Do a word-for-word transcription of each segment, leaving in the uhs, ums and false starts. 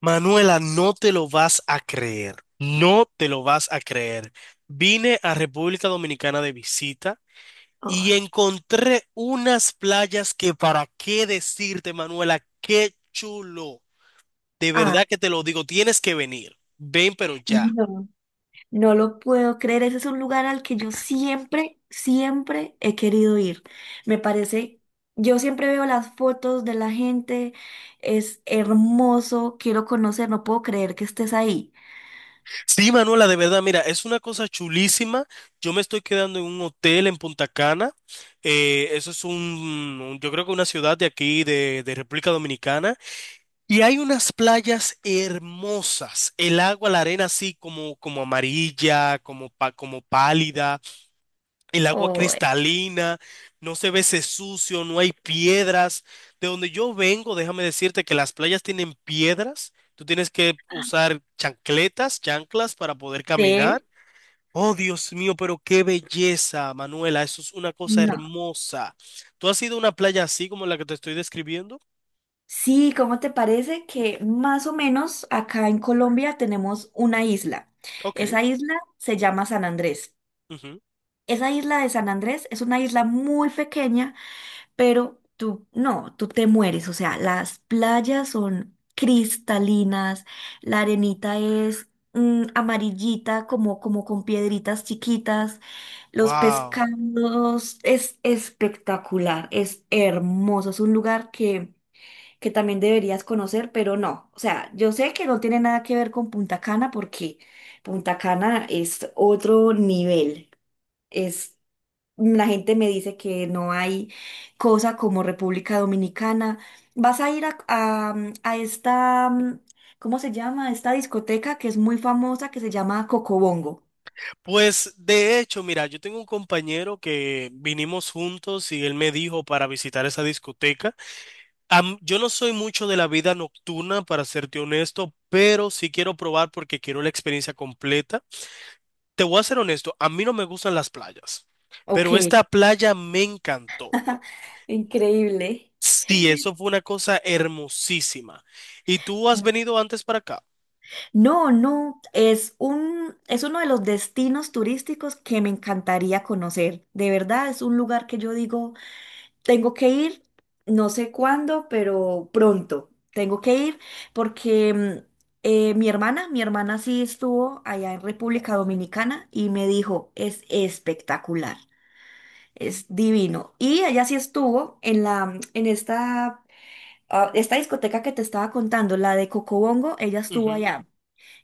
Manuela, no te lo vas a creer, no te lo vas a creer. Vine a República Dominicana de visita y Ay, encontré unas playas que para qué decirte, Manuela, qué chulo. De ah, verdad que te lo digo, tienes que venir. Ven, pero ya. no, no lo puedo creer. Ese es un lugar al que yo siempre, siempre he querido ir. Me parece, yo siempre veo las fotos de la gente, es hermoso, quiero conocer, no puedo creer que estés ahí. Sí, Manuela, de verdad, mira, es una cosa chulísima. Yo me estoy quedando en un hotel en Punta Cana. Eh, eso es un, un- yo creo que una ciudad de aquí, de de República Dominicana. Y hay unas playas hermosas, el agua, la arena así como, como amarilla, como, pa- como pálida, el agua Oh, cristalina, no se ve ese sucio, no hay piedras. De donde yo vengo, déjame decirte que las playas tienen piedras, tú tienes que usar chancletas, chanclas para poder caminar. sí, Oh, Dios mío, pero qué belleza, Manuela, eso es una cosa no. hermosa. ¿Tú has ido a una playa así como la que te estoy describiendo? Sí, ¿cómo te parece que más o menos acá en Colombia tenemos una isla? Ok. Esa isla se llama San Andrés. Esa isla de San Andrés es una isla muy pequeña pero tú, no, tú te mueres, o sea, las playas son cristalinas, la arenita es mm, amarillita, como, como con piedritas chiquitas, los Wow. pescados, es espectacular, es hermoso, es un lugar que, que también deberías conocer, pero no, o sea, yo sé que no tiene nada que ver con Punta Cana porque Punta Cana es otro nivel. Es la gente me dice que no hay cosa como República Dominicana. Vas a ir a, a, mm, a esta, mm, ¿cómo se llama? Esta discoteca que es muy famosa que se llama Cocobongo. Pues de hecho, mira, yo tengo un compañero que vinimos juntos y él me dijo para visitar esa discoteca. Am- yo no soy mucho de la vida nocturna, para serte honesto, pero sí quiero probar porque quiero la experiencia completa. Te voy a ser honesto, a mí no me gustan las playas, Ok, pero esta playa me encantó. increíble. Sí, eso fue una cosa hermosísima. ¿Y tú has venido antes para acá? No, no, es un, es uno de los destinos turísticos que me encantaría conocer. De verdad, es un lugar que yo digo. Tengo que ir, no sé cuándo, pero pronto. Tengo que ir porque mm, eh, mi hermana, mi hermana sí estuvo allá en República Dominicana y me dijo, es espectacular, es divino. Y ella sí estuvo en la, en esta, ah, esta discoteca que te estaba contando, la de Cocobongo, ella estuvo Ujú. allá.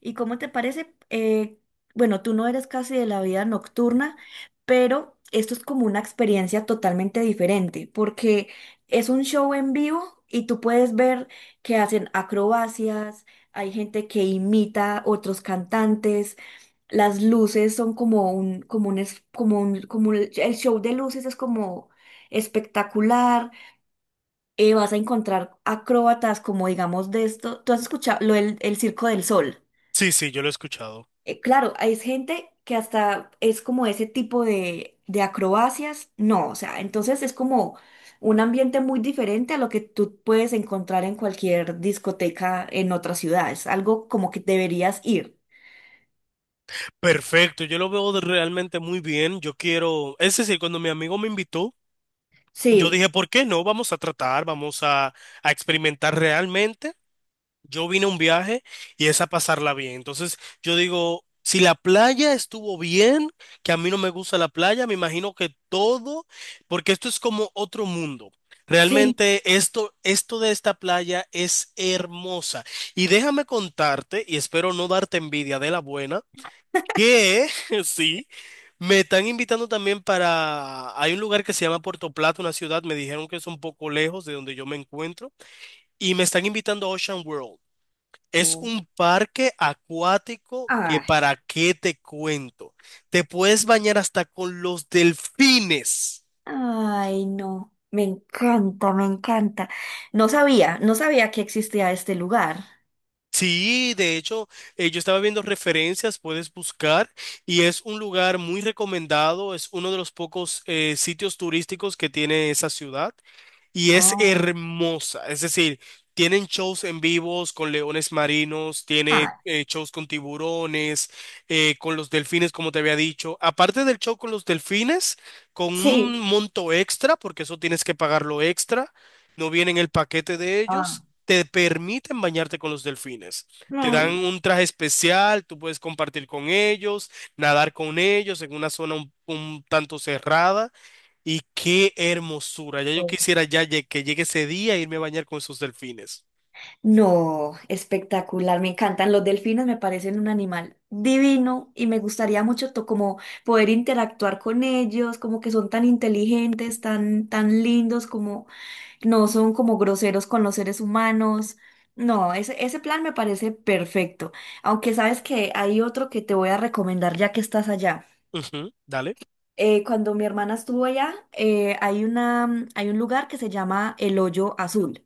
¿Y cómo te parece? Eh, bueno, tú no eres casi de la vida nocturna, pero esto es como una experiencia totalmente diferente, porque es un show en vivo y tú puedes ver que hacen acrobacias, hay gente que imita otros cantantes, las luces son como un, como un, es- como un, como el el show de luces es como espectacular, eh, vas a encontrar acróbatas como digamos de esto, tú has escuchado lo del el Circo del Sol. Sí, sí, yo lo he escuchado. Eh, claro, hay gente que hasta es como ese tipo de, de acrobacias. No, o sea, entonces es como un ambiente muy diferente a lo que tú puedes encontrar en cualquier discoteca en otra ciudad. Es algo como que deberías ir. Perfecto, yo lo veo de- realmente muy bien. Yo quiero, es decir, cuando mi amigo me invitó, yo Sí, dije, ¿por qué no? Vamos a tratar, vamos a, a experimentar realmente. Yo vine a un viaje y es a pasarla bien. Entonces, yo digo, si la playa estuvo bien, que a mí no me gusta la playa, me imagino que todo, porque esto es como otro mundo. sí. Realmente esto, esto de esta playa es hermosa. Y déjame contarte, y espero no darte envidia de la buena que sí, me están invitando también para... Hay un lugar que se llama Puerto Plata, una ciudad, me dijeron que es un poco lejos de donde yo me encuentro, y me están invitando a Ocean World. Es Mm. un parque acuático que Ay, para qué te cuento. Te puedes bañar hasta con los delfines. ay, no. Me encanta, me encanta. No sabía, no sabía que existía este lugar. Sí, de hecho, eh, yo estaba viendo referencias, puedes buscar, y es un lugar muy recomendado, es uno de los pocos eh, sitios turísticos que tiene esa ciudad. Y es Oh, hermosa. Es decir, tienen shows en vivos con leones marinos, tiene ah, eh, shows con tiburones, eh, con los delfines, como te había dicho. Aparte del show con los delfines, con un sí. monto extra, porque eso tienes que pagarlo extra, no viene en el paquete de Ah. ellos te permiten bañarte con los delfines. Te No, dan un traje especial, tú puedes compartir con ellos, nadar con ellos en una zona un, un tanto cerrada. Y qué hermosura. Ya yo quisiera ya lle- que llegue ese día e irme a bañar con esos delfines. No, espectacular, me encantan. Los delfines me parecen un animal divino y me gustaría mucho to- como poder interactuar con ellos, como que son tan inteligentes, tan, tan lindos, como no son como groseros con los seres humanos. No, ese, ese plan me parece perfecto. Aunque sabes que hay otro que te voy a recomendar ya que estás allá. Ujú, dale. Eh, cuando mi hermana estuvo allá, eh, hay una, hay un lugar que se llama El Hoyo Azul.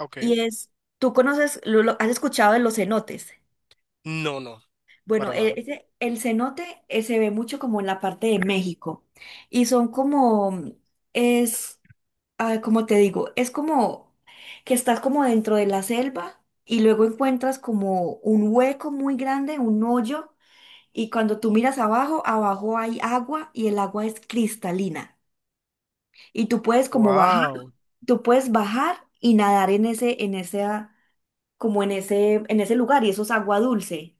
Ok. Y es, tú conoces, lo, lo- has escuchado de los cenotes. No, no, Bueno, para e- nada. ese- el cenote eh, se ve mucho como en la parte de México. Y son como, es, ah, como te digo, es como que estás como dentro de la selva y luego encuentras como un hueco muy grande, un hoyo. Y cuando tú miras abajo, abajo hay agua y el agua es cristalina. Y tú puedes como bajar, Wow. tú puedes bajar y nadar en ese, en ese como en ese, en ese lugar y eso es agua dulce.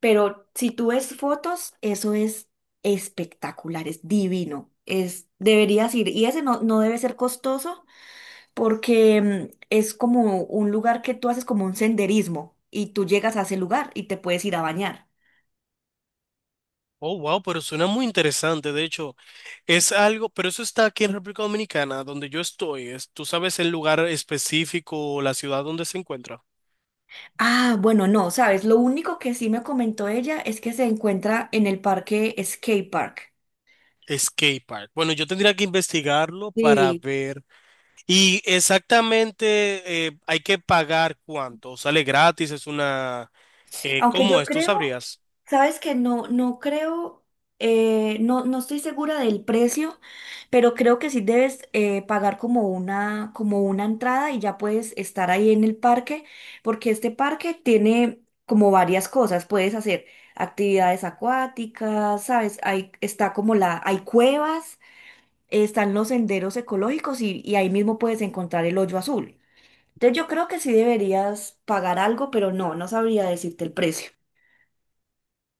Pero si tú ves fotos, eso es espectacular, es divino. Es, deberías ir. Y ese no, no debe ser costoso porque mm, es como un lugar que tú haces como un senderismo y tú llegas a ese lugar y te puedes ir a bañar. Oh, wow, pero suena muy interesante. De hecho, es algo, pero eso está aquí en República Dominicana, donde yo estoy. Es- ¿tú sabes el lugar específico o la ciudad donde se encuentra? Ah, bueno, no, sabes, lo único que sí me comentó ella es que se encuentra en el parque Skate Park. Skate Park. Bueno, yo tendría que investigarlo para sí ver. Y exactamente eh, hay que pagar cuánto. ¿Sale gratis? ¿Es una... eh, Aunque cómo yo es? ¿Tú creo, sabrías? sabes que no, no creo, eh, no, no estoy segura del precio, pero creo que sí debes eh, pagar como una, como una entrada y ya puedes estar ahí en el parque, porque este parque tiene como varias cosas. Puedes hacer actividades acuáticas, sabes, ahí está como la, hay cuevas, están los senderos ecológicos y, y ahí mismo puedes encontrar el hoyo azul. Entonces yo creo que sí deberías pagar algo, pero no, no sabría decirte el precio.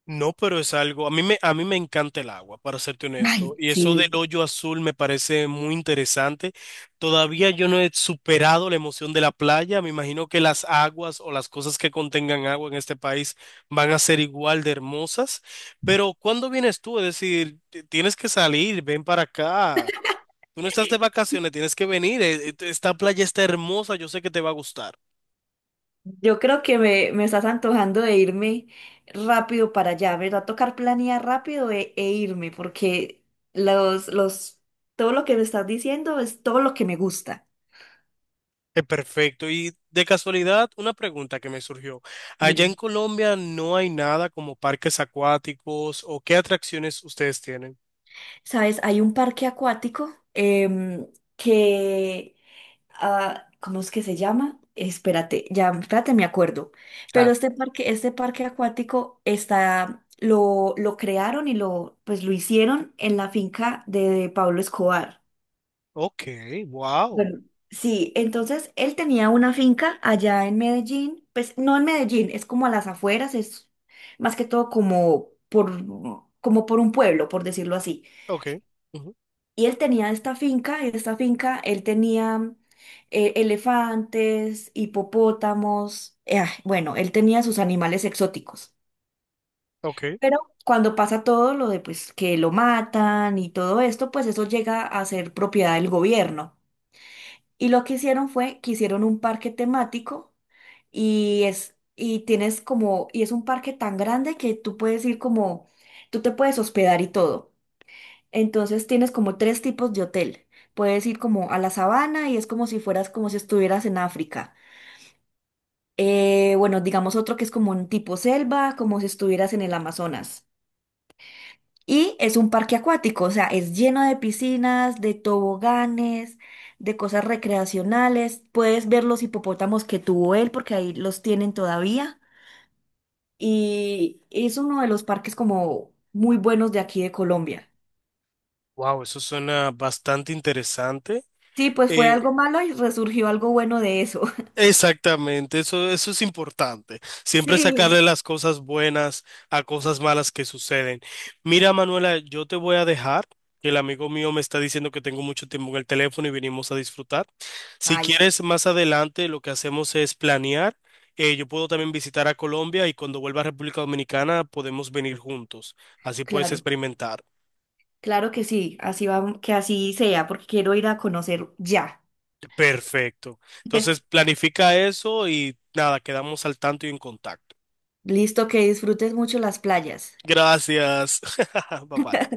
No, pero es algo, a mí me, a mí me encanta el agua, para serte honesto, Ay, y eso del sí. hoyo azul me parece muy interesante. Todavía yo no he superado la emoción de la playa, me imagino que las aguas o las cosas que contengan agua en este país van a ser igual de hermosas, pero ¿cuándo vienes tú? Es decir, t- tienes que salir, ven para acá, tú no estás de vacaciones, tienes que venir, eh, eh, esta playa está hermosa, yo sé que te va a gustar. Yo creo que me, me estás antojando de irme rápido para allá. Me va a tocar planear rápido e, e irme, porque los, los, todo lo que me estás diciendo es todo lo que me gusta. Eh, Perfecto. Y de casualidad, una pregunta que me surgió. Allá en Dime. Colombia no hay nada como parques acuáticos o qué atracciones ustedes tienen. ¿Sabes? Hay un parque acuático em, que ah, ¿cómo es que se llama? Espérate, ya, espérate, me acuerdo. Pero Claro. este parque, este parque acuático está, lo, lo crearon y lo, pues lo hicieron en la finca de Pablo Escobar. Ok, wow. Bueno, sí, entonces él tenía una finca allá en Medellín, pues no en Medellín, es como a las afueras, es más que todo como por, como por, un pueblo, por decirlo así. Ok. Ujú, Y él tenía esta finca, y en esta finca él tenía eh, elefantes, hipopótamos, eh, ah, bueno, él tenía sus animales exóticos. ok. Pero cuando pasa todo lo de pues que lo matan y todo esto, pues eso llega a ser propiedad del gobierno. Y lo que hicieron fue que hicieron un parque temático y es y tienes como y es un parque tan grande que tú puedes ir como tú te puedes hospedar y todo. Entonces tienes como tres tipos de hotel. Puedes ir como a la sabana y es como si fueras como si estuvieras en África. Eh, bueno, digamos otro que es como un tipo selva, como si estuvieras en el Amazonas. Y es un parque acuático, o sea, es lleno de piscinas, de toboganes, de cosas recreacionales. Puedes ver los hipopótamos que tuvo él, porque ahí los tienen todavía. Y es uno de los parques como muy buenos de aquí de Colombia. Wow, eso suena bastante interesante. Sí, pues fue Eh, algo malo y resurgió algo bueno de eso. Exactamente, eso, eso es importante. Siempre sacarle Sí. las cosas buenas a cosas malas que suceden. Mira, Manuela, yo te voy a dejar, que el amigo mío me está diciendo que tengo mucho tiempo en el teléfono y venimos a disfrutar. Si Ay, sí, quieres, más adelante lo que hacemos es planear. Eh, yo puedo también visitar a Colombia y cuando vuelva a República Dominicana podemos venir juntos. Así puedes claro, experimentar. claro que sí, así va, que así sea, porque quiero ir a conocer ya. Perfecto. Entonces, planifica eso y nada, quedamos al tanto y en contacto. Listo, que disfrutes mucho las playas. Gracias. Bye bye.